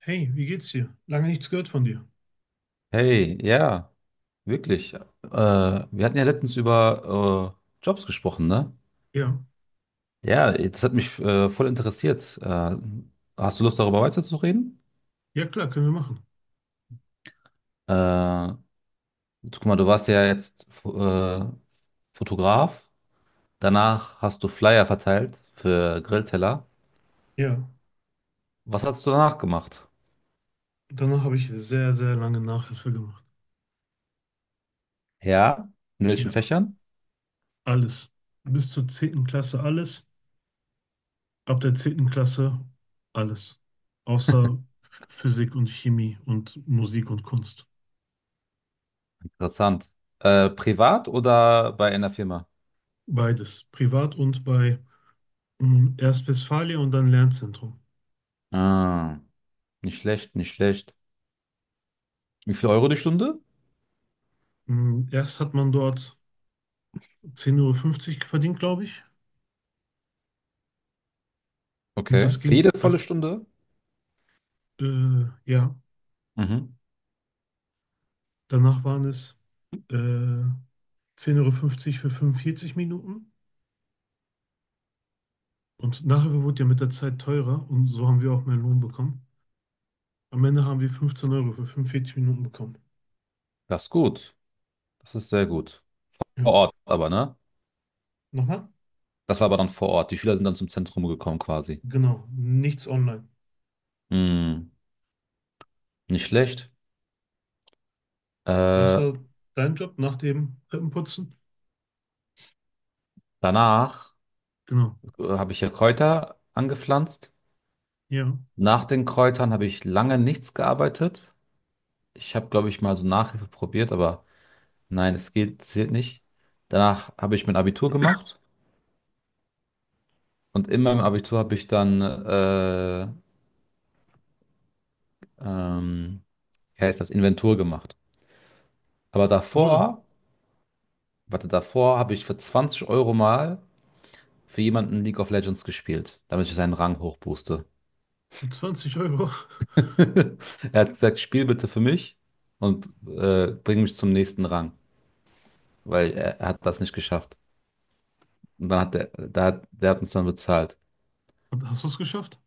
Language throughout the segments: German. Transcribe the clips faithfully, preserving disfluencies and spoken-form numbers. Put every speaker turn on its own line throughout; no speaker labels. Hey, wie geht's dir? Lange nichts gehört von dir.
Hey, ja, wirklich. Äh, wir hatten ja letztens über äh, Jobs gesprochen, ne?
Ja,
Ja, das hat mich äh, voll interessiert. Äh, hast du Lust, darüber weiterzureden?
ja klar, können wir machen.
Äh, guck mal, du warst ja jetzt äh, Fotograf. Danach hast du Flyer verteilt für Grillteller.
Ja,
Was hast du danach gemacht?
danach habe ich sehr, sehr lange Nachhilfe gemacht.
Ja, in welchen
Ja,
Fächern?
alles. Bis zur zehnten Klasse alles. Ab der zehnten Klasse alles. Außer Ph- Physik und Chemie und Musik und Kunst.
Interessant. Äh, privat oder bei einer Firma?
Beides. Privat und bei mm, erst Westfalia und dann Lernzentrum.
Ah, nicht schlecht, nicht schlecht. Wie viel Euro die Stunde?
Mm, Erst hat man dort zehn Komma fünfzig Uhr verdient, glaube ich. Und
Okay.
das
Für
ging,
jede
das,
volle Stunde?
äh, ja,
Mhm.
danach waren es äh, zehn Euro fünfzig für fünfundvierzig Minuten. Und nachher wurde ja mit der Zeit teurer und so haben wir auch mehr Lohn bekommen. Am Ende haben wir fünfzehn Euro für fünfundvierzig Minuten bekommen.
Das ist gut. Das ist sehr gut. Vor
Ja.
Ort aber, ne?
Nochmal?
Das war aber dann vor Ort. Die Schüler sind dann zum Zentrum gekommen quasi.
Genau. Nichts online.
Hm, nicht schlecht.
Was
Äh,
war dein Job nach dem Treppenputzen?
danach
Genau.
äh, habe ich ja Kräuter angepflanzt.
Ja.
Nach den Kräutern habe ich lange nichts gearbeitet. Ich habe, glaube ich, mal so Nachhilfe probiert, aber nein, es geht, zählt nicht. Danach habe ich mein Abitur gemacht und in meinem Abitur habe ich dann, äh, ähm, wie heißt das, Inventur gemacht. Aber
Wo denn?
davor, warte, davor habe ich für zwanzig Euro mal für jemanden League of Legends gespielt, damit ich seinen Rang hochbooste.
Mit zwanzig Euro.
Er hat gesagt, spiel bitte für mich und äh, bring mich zum nächsten Rang, weil er, er hat das nicht geschafft. Und dann hat der, der, hat- der hat uns dann bezahlt.
Und hast du es geschafft?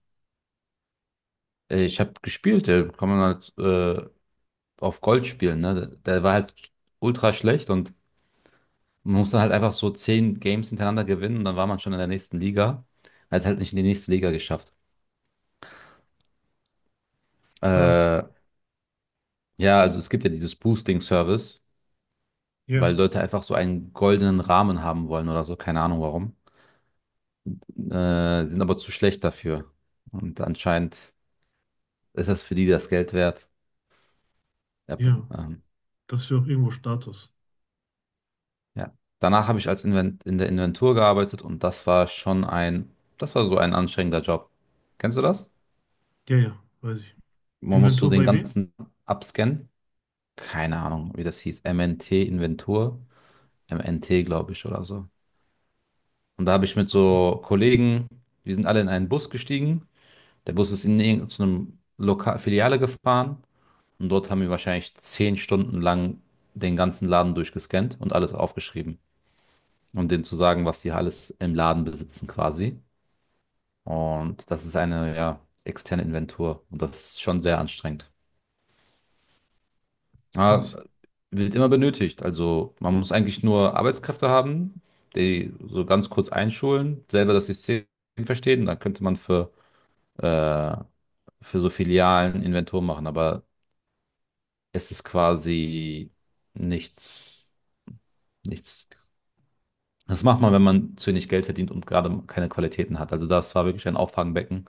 Äh, Ich habe gespielt, äh, kann man halt äh, auf Gold spielen, ne? Der war halt ultra schlecht und man muss dann halt einfach so zehn Games hintereinander gewinnen und dann war man schon in der nächsten Liga. Er hat halt nicht in die nächste Liga geschafft.
Krass.
Äh, Ja, also es gibt ja dieses Boosting-Service,
Ja.
weil Leute einfach so einen goldenen Rahmen haben wollen oder so, keine Ahnung warum. Äh, sind aber zu schlecht dafür. Und anscheinend ist das für die das Geld wert. Ja, p-
Ja.
ähm,
Das ist ja auch irgendwo Status.
ja. Danach habe ich als Invent in der Inventur gearbeitet und das war schon ein, das war so ein anstrengender Job. Kennst du das?
Ja, ja. Weiß ich.
Man muss so
Inventur
den
bei wem?
ganzen abscannen. Keine Ahnung, wie das hieß. M N T Inventur. M N T, glaube ich, oder so. Und da habe ich mit
Ach so.
so Kollegen, wir sind alle in einen Bus gestiegen. Der Bus ist in irgendeine Lokal Filiale gefahren und dort haben wir wahrscheinlich zehn Stunden lang den ganzen Laden durchgescannt und alles aufgeschrieben, um denen zu sagen, was die alles im Laden besitzen quasi. Und das ist eine, ja, externe Inventur und das ist schon sehr anstrengend.
Krass.
Aber wird immer benötigt. Also man muss eigentlich nur Arbeitskräfte haben, die so ganz kurz einschulen, selber das System verstehen. Dann könnte man für, äh, für so Filialen Inventur machen. Aber es ist quasi nichts, nichts. Das macht man, wenn man zu wenig Geld verdient und gerade keine Qualitäten hat. Also das war wirklich ein Auffangbecken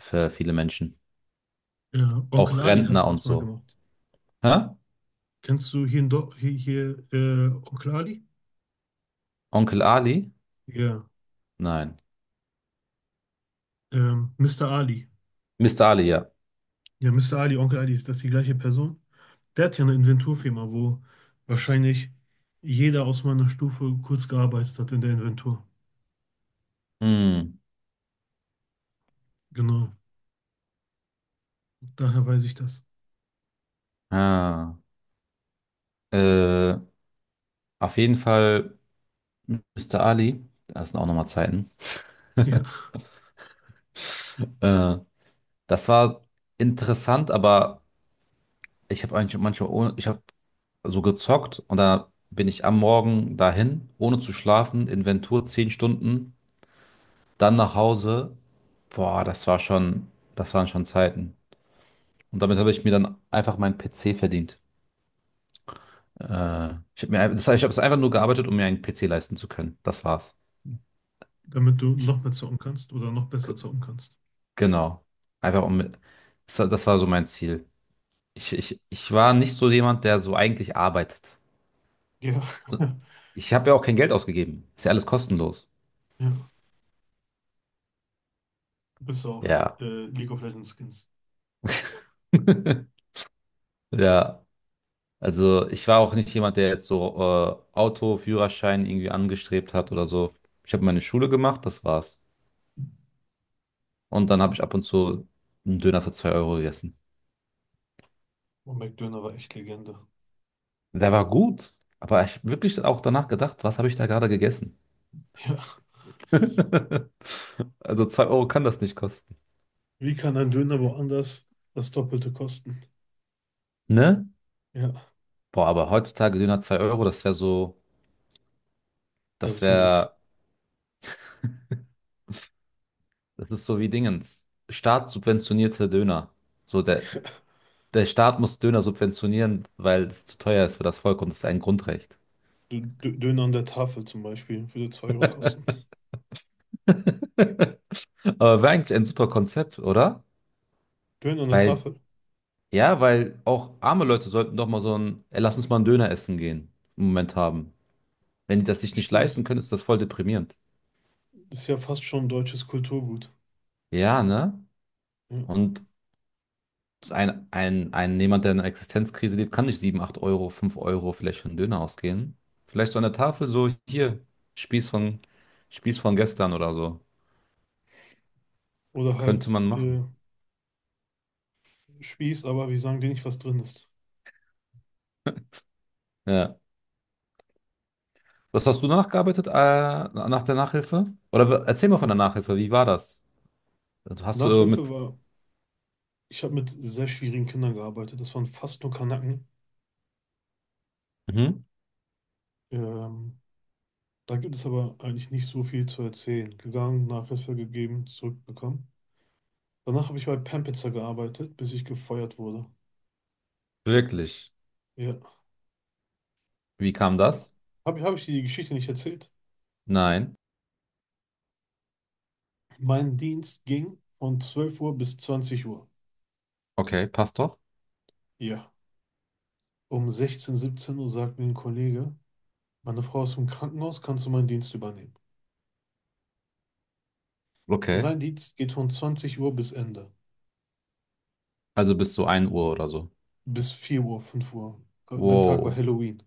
für viele Menschen.
Ja. Onkel
Auch
Ali hatte
Rentner und
das mal
so.
gemacht.
Hä?
Kennst du hier in Do hier, hier äh, Onkel Ali?
Onkel Ali?
Ja.
Nein.
Ähm, Mister Ali.
Mister Ali, ja.
Ja, Mister Ali, Onkel Ali, ist das die gleiche Person? Der hat ja eine Inventurfirma, wo wahrscheinlich jeder aus meiner Stufe kurz gearbeitet hat in der Inventur.
Hm.
Genau, daher weiß ich das.
Ah. Äh, auf jeden Fall Mister Ali. Das sind auch nochmal Zeiten.
Ja,
Äh, das war interessant, aber ich habe eigentlich manchmal, ohne, ich hab, so gezockt und da bin ich am Morgen dahin, ohne zu schlafen, Inventur zehn Stunden, dann nach Hause. Boah, das war schon, das waren schon Zeiten. Und damit habe ich mir dann einfach meinen P C verdient. Äh, ich habe mir, ein- das heißt, ich habe es einfach nur gearbeitet, um mir einen P C leisten zu können. Das war's.
damit du
Ich,
noch mehr zocken kannst oder noch
g-
besser zocken kannst.
genau. Einfach um, das war, das war so mein Ziel. Ich, ich, ich war nicht so jemand, der so eigentlich arbeitet.
Ja,
Ich habe ja auch kein Geld ausgegeben. Ist ja alles kostenlos.
ja. Bis auf
Ja.
äh, League of Legends Skins.
Ja. Also ich war auch nicht jemand, der jetzt so äh, Auto, Führerschein irgendwie angestrebt hat oder so. Ich habe meine Schule gemacht, das war's. Und dann habe ich ab und zu einen Döner für zwei Euro gegessen.
Und McDöner war echt Legende.
Der war gut, aber ich habe wirklich auch danach gedacht, was habe ich da gerade gegessen?
Ja.
Also zwei Euro kann das nicht kosten.
Wie kann ein Döner woanders das Doppelte kosten?
Ne?
Ja.
Boah, aber heutzutage Döner zwei Euro, das wäre so,
Das
das
ist ein Witz.
wäre, das ist so wie Dingens. Staatssubventionierte Döner. So der, Der Staat muss Döner subventionieren, weil es zu teuer ist für das Volk und es ist ein Grundrecht.
Dö- Dö- Döner an der Tafel zum Beispiel würde zwei Euro kosten.
Aber wäre eigentlich ein super Konzept, oder?
Döner an der
Weil,
Tafel.
ja, weil auch arme Leute sollten doch mal so ein, ey, lass uns mal einen Döner essen gehen, Moment haben. Wenn die das sich nicht
Stimmt.
leisten können, ist das voll deprimierend.
Ist ja fast schon deutsches Kulturgut.
Ja, ne?
Ja.
Und ein, ein, ein jemand, der in einer Existenzkrise lebt, kann nicht sieben, acht Euro, fünf Euro vielleicht für einen Döner ausgehen. Vielleicht so an der Tafel so, hier, Spieß von, Spieß von gestern oder so.
Oder
Könnte
halt
man
äh,
machen.
Spieß, aber wir sagen dir nicht, was drin ist.
Ja. Was hast du danach gearbeitet, äh, nach der Nachhilfe? Oder w- erzähl mal von der Nachhilfe, wie war das? Also hast du
Nachhilfe
mit.
war, ich habe mit sehr schwierigen Kindern gearbeitet. Das waren fast nur Kanaken.
Mhm.
Ähm, da gibt es aber eigentlich nicht so viel zu erzählen. Gegangen, Nachhilfe gegeben, zurückbekommen. Danach habe ich bei Pampitzer gearbeitet, bis ich gefeuert wurde.
Wirklich?
Ja.
Wie kam das?
Habe hab ich die Geschichte nicht erzählt?
Nein.
Mein Dienst ging von zwölf Uhr bis zwanzig Uhr.
Okay, passt doch.
Ja. Um sechzehn, siebzehn Uhr sagt mir ein Kollege, meine Frau ist im Krankenhaus, kannst du meinen Dienst übernehmen?
Okay.
Sein Dienst geht von zwanzig Uhr bis Ende.
Also bis zu ein Uhr oder so.
Bis vier Uhr, fünf Uhr. An dem Tag war
Wow.
Halloween.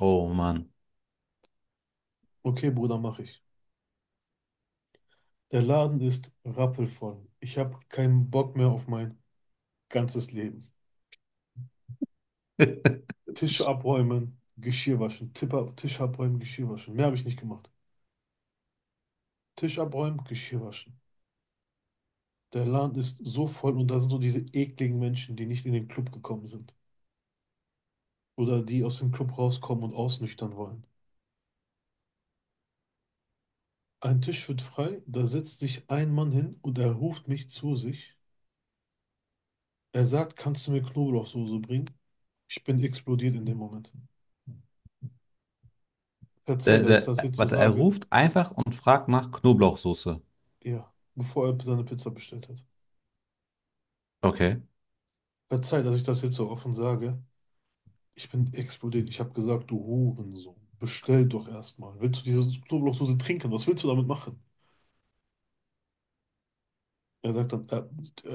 Oh Mann.
Okay, Bruder, mache ich. Der Laden ist rappelvoll. Ich habe keinen Bock mehr auf mein ganzes Leben. Tische abräumen, Geschirr waschen. Tipper, Tisch abräumen, Geschirr waschen. Mehr habe ich nicht gemacht. Tisch abräumen, Geschirr waschen. Der Laden ist so voll und da sind so diese ekligen Menschen, die nicht in den Club gekommen sind. Oder die aus dem Club rauskommen und ausnüchtern wollen. Ein Tisch wird frei, da setzt sich ein Mann hin und er ruft mich zu sich. Er sagt, kannst du mir Knoblauchsoße bringen? Ich bin explodiert in dem Moment. Verzeih,
Der,
dass ich
der,
das
äh,
jetzt so
warte, er
sage.
ruft einfach und fragt nach Knoblauchsoße.
Ja, bevor er seine Pizza bestellt hat.
Okay.
Verzeih, dass ich das jetzt so offen sage. Ich bin explodiert. Ich habe gesagt, du Hurensohn. Bestell doch erstmal. Willst du diese Knoblauchsoße trinken? Was willst du damit machen? Er sagt dann, äh, äh,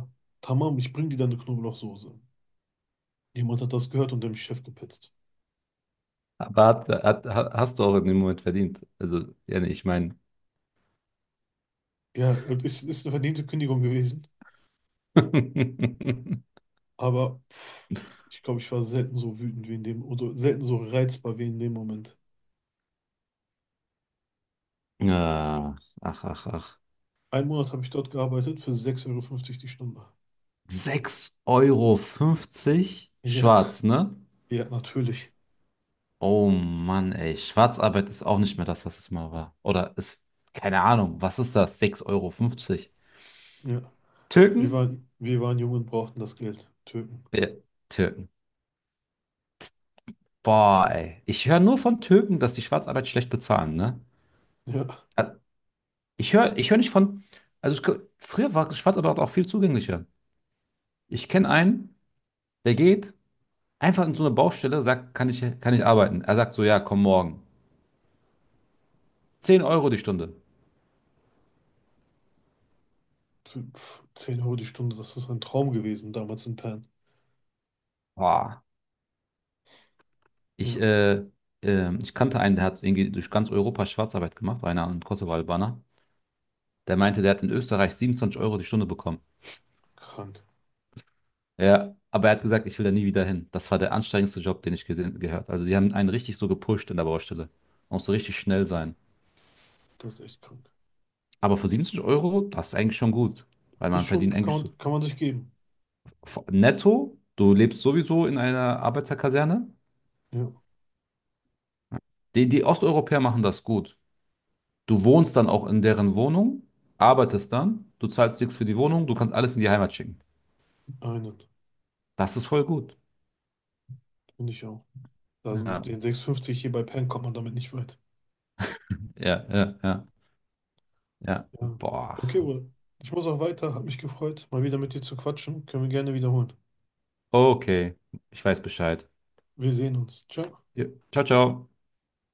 äh, tamam, ich bring dir deine Knoblauchsoße. Jemand hat das gehört und dem Chef gepetzt.
Aber hat, hat, ha- hast du auch in dem Moment verdient. Also, ja, nee, ich meine.
Ja, es ist, ist eine verdiente Kündigung gewesen, aber pff, ich glaube, ich war selten so wütend wie in dem, oder selten so reizbar wie in dem Moment.
Ja, ach, ach, ach.
Einen Monat habe ich dort gearbeitet für sechs Euro fünfzig die Stunde.
Sechs Euro fünfzig,
Ja,
schwarz, ne?
ja, natürlich.
Oh Mann, ey. Schwarzarbeit ist auch nicht mehr das, was es mal war. Oder ist, keine Ahnung, was ist das? sechs Euro fünfzig,
Ja, wir
Türken?
waren, wir waren jung und brauchten das Geld. Türken.
Ja, Türken. Boah, ey. Ich höre nur von Türken, dass die Schwarzarbeit schlecht bezahlen, ne?
Ja,
Äh, Ich höre, ich höre nicht von. Also ich, gl- früher war Schwarzarbeit auch viel zugänglicher. Ich kenne einen, der geht einfach in so eine Baustelle, sagt, kann ich, kann ich arbeiten? Er sagt so, ja, komm morgen. Zehn Euro die Stunde.
für, pff, zehn Euro die Stunde, das ist ein Traum gewesen damals in Pan.
Boah. Ich,
Ja,
äh, ähm, ich kannte einen, der hat irgendwie durch ganz Europa Schwarzarbeit gemacht, einer ein Kosovo-Albaner. Der meinte, der hat in Österreich siebenundzwanzig Euro die Stunde bekommen.
krank.
Ja, aber er hat gesagt, ich will da nie wieder hin. Das war der anstrengendste Job, den ich gesehen, gehört. Also die haben einen richtig so gepusht in der Baustelle. Man muss so richtig schnell sein.
Das ist echt krank.
Aber für siebenundzwanzig Euro, das ist eigentlich schon gut. Weil
Ist
man verdient
schon, kann
eigentlich so
man, kann man sich geben.
netto, du lebst sowieso in einer Arbeiterkaserne.
Ja,
Die, die Osteuropäer machen das gut. Du wohnst dann auch in deren Wohnung, arbeitest dann, du zahlst nichts für die Wohnung, du kannst alles in die Heimat schicken.
einen,
Das ist voll gut.
finde ich auch. Also mit
Ja,
den sechs fünfzig hier bei Penn kommt man damit nicht weit.
ja, ja, ja, ja.
Ja. Okay,
Boah.
Uwe. Ich muss auch weiter. Hat mich gefreut, mal wieder mit dir zu quatschen. Können wir gerne wiederholen.
Okay, ich weiß Bescheid.
Wir sehen uns. Ciao.
Ja. Ciao, ciao.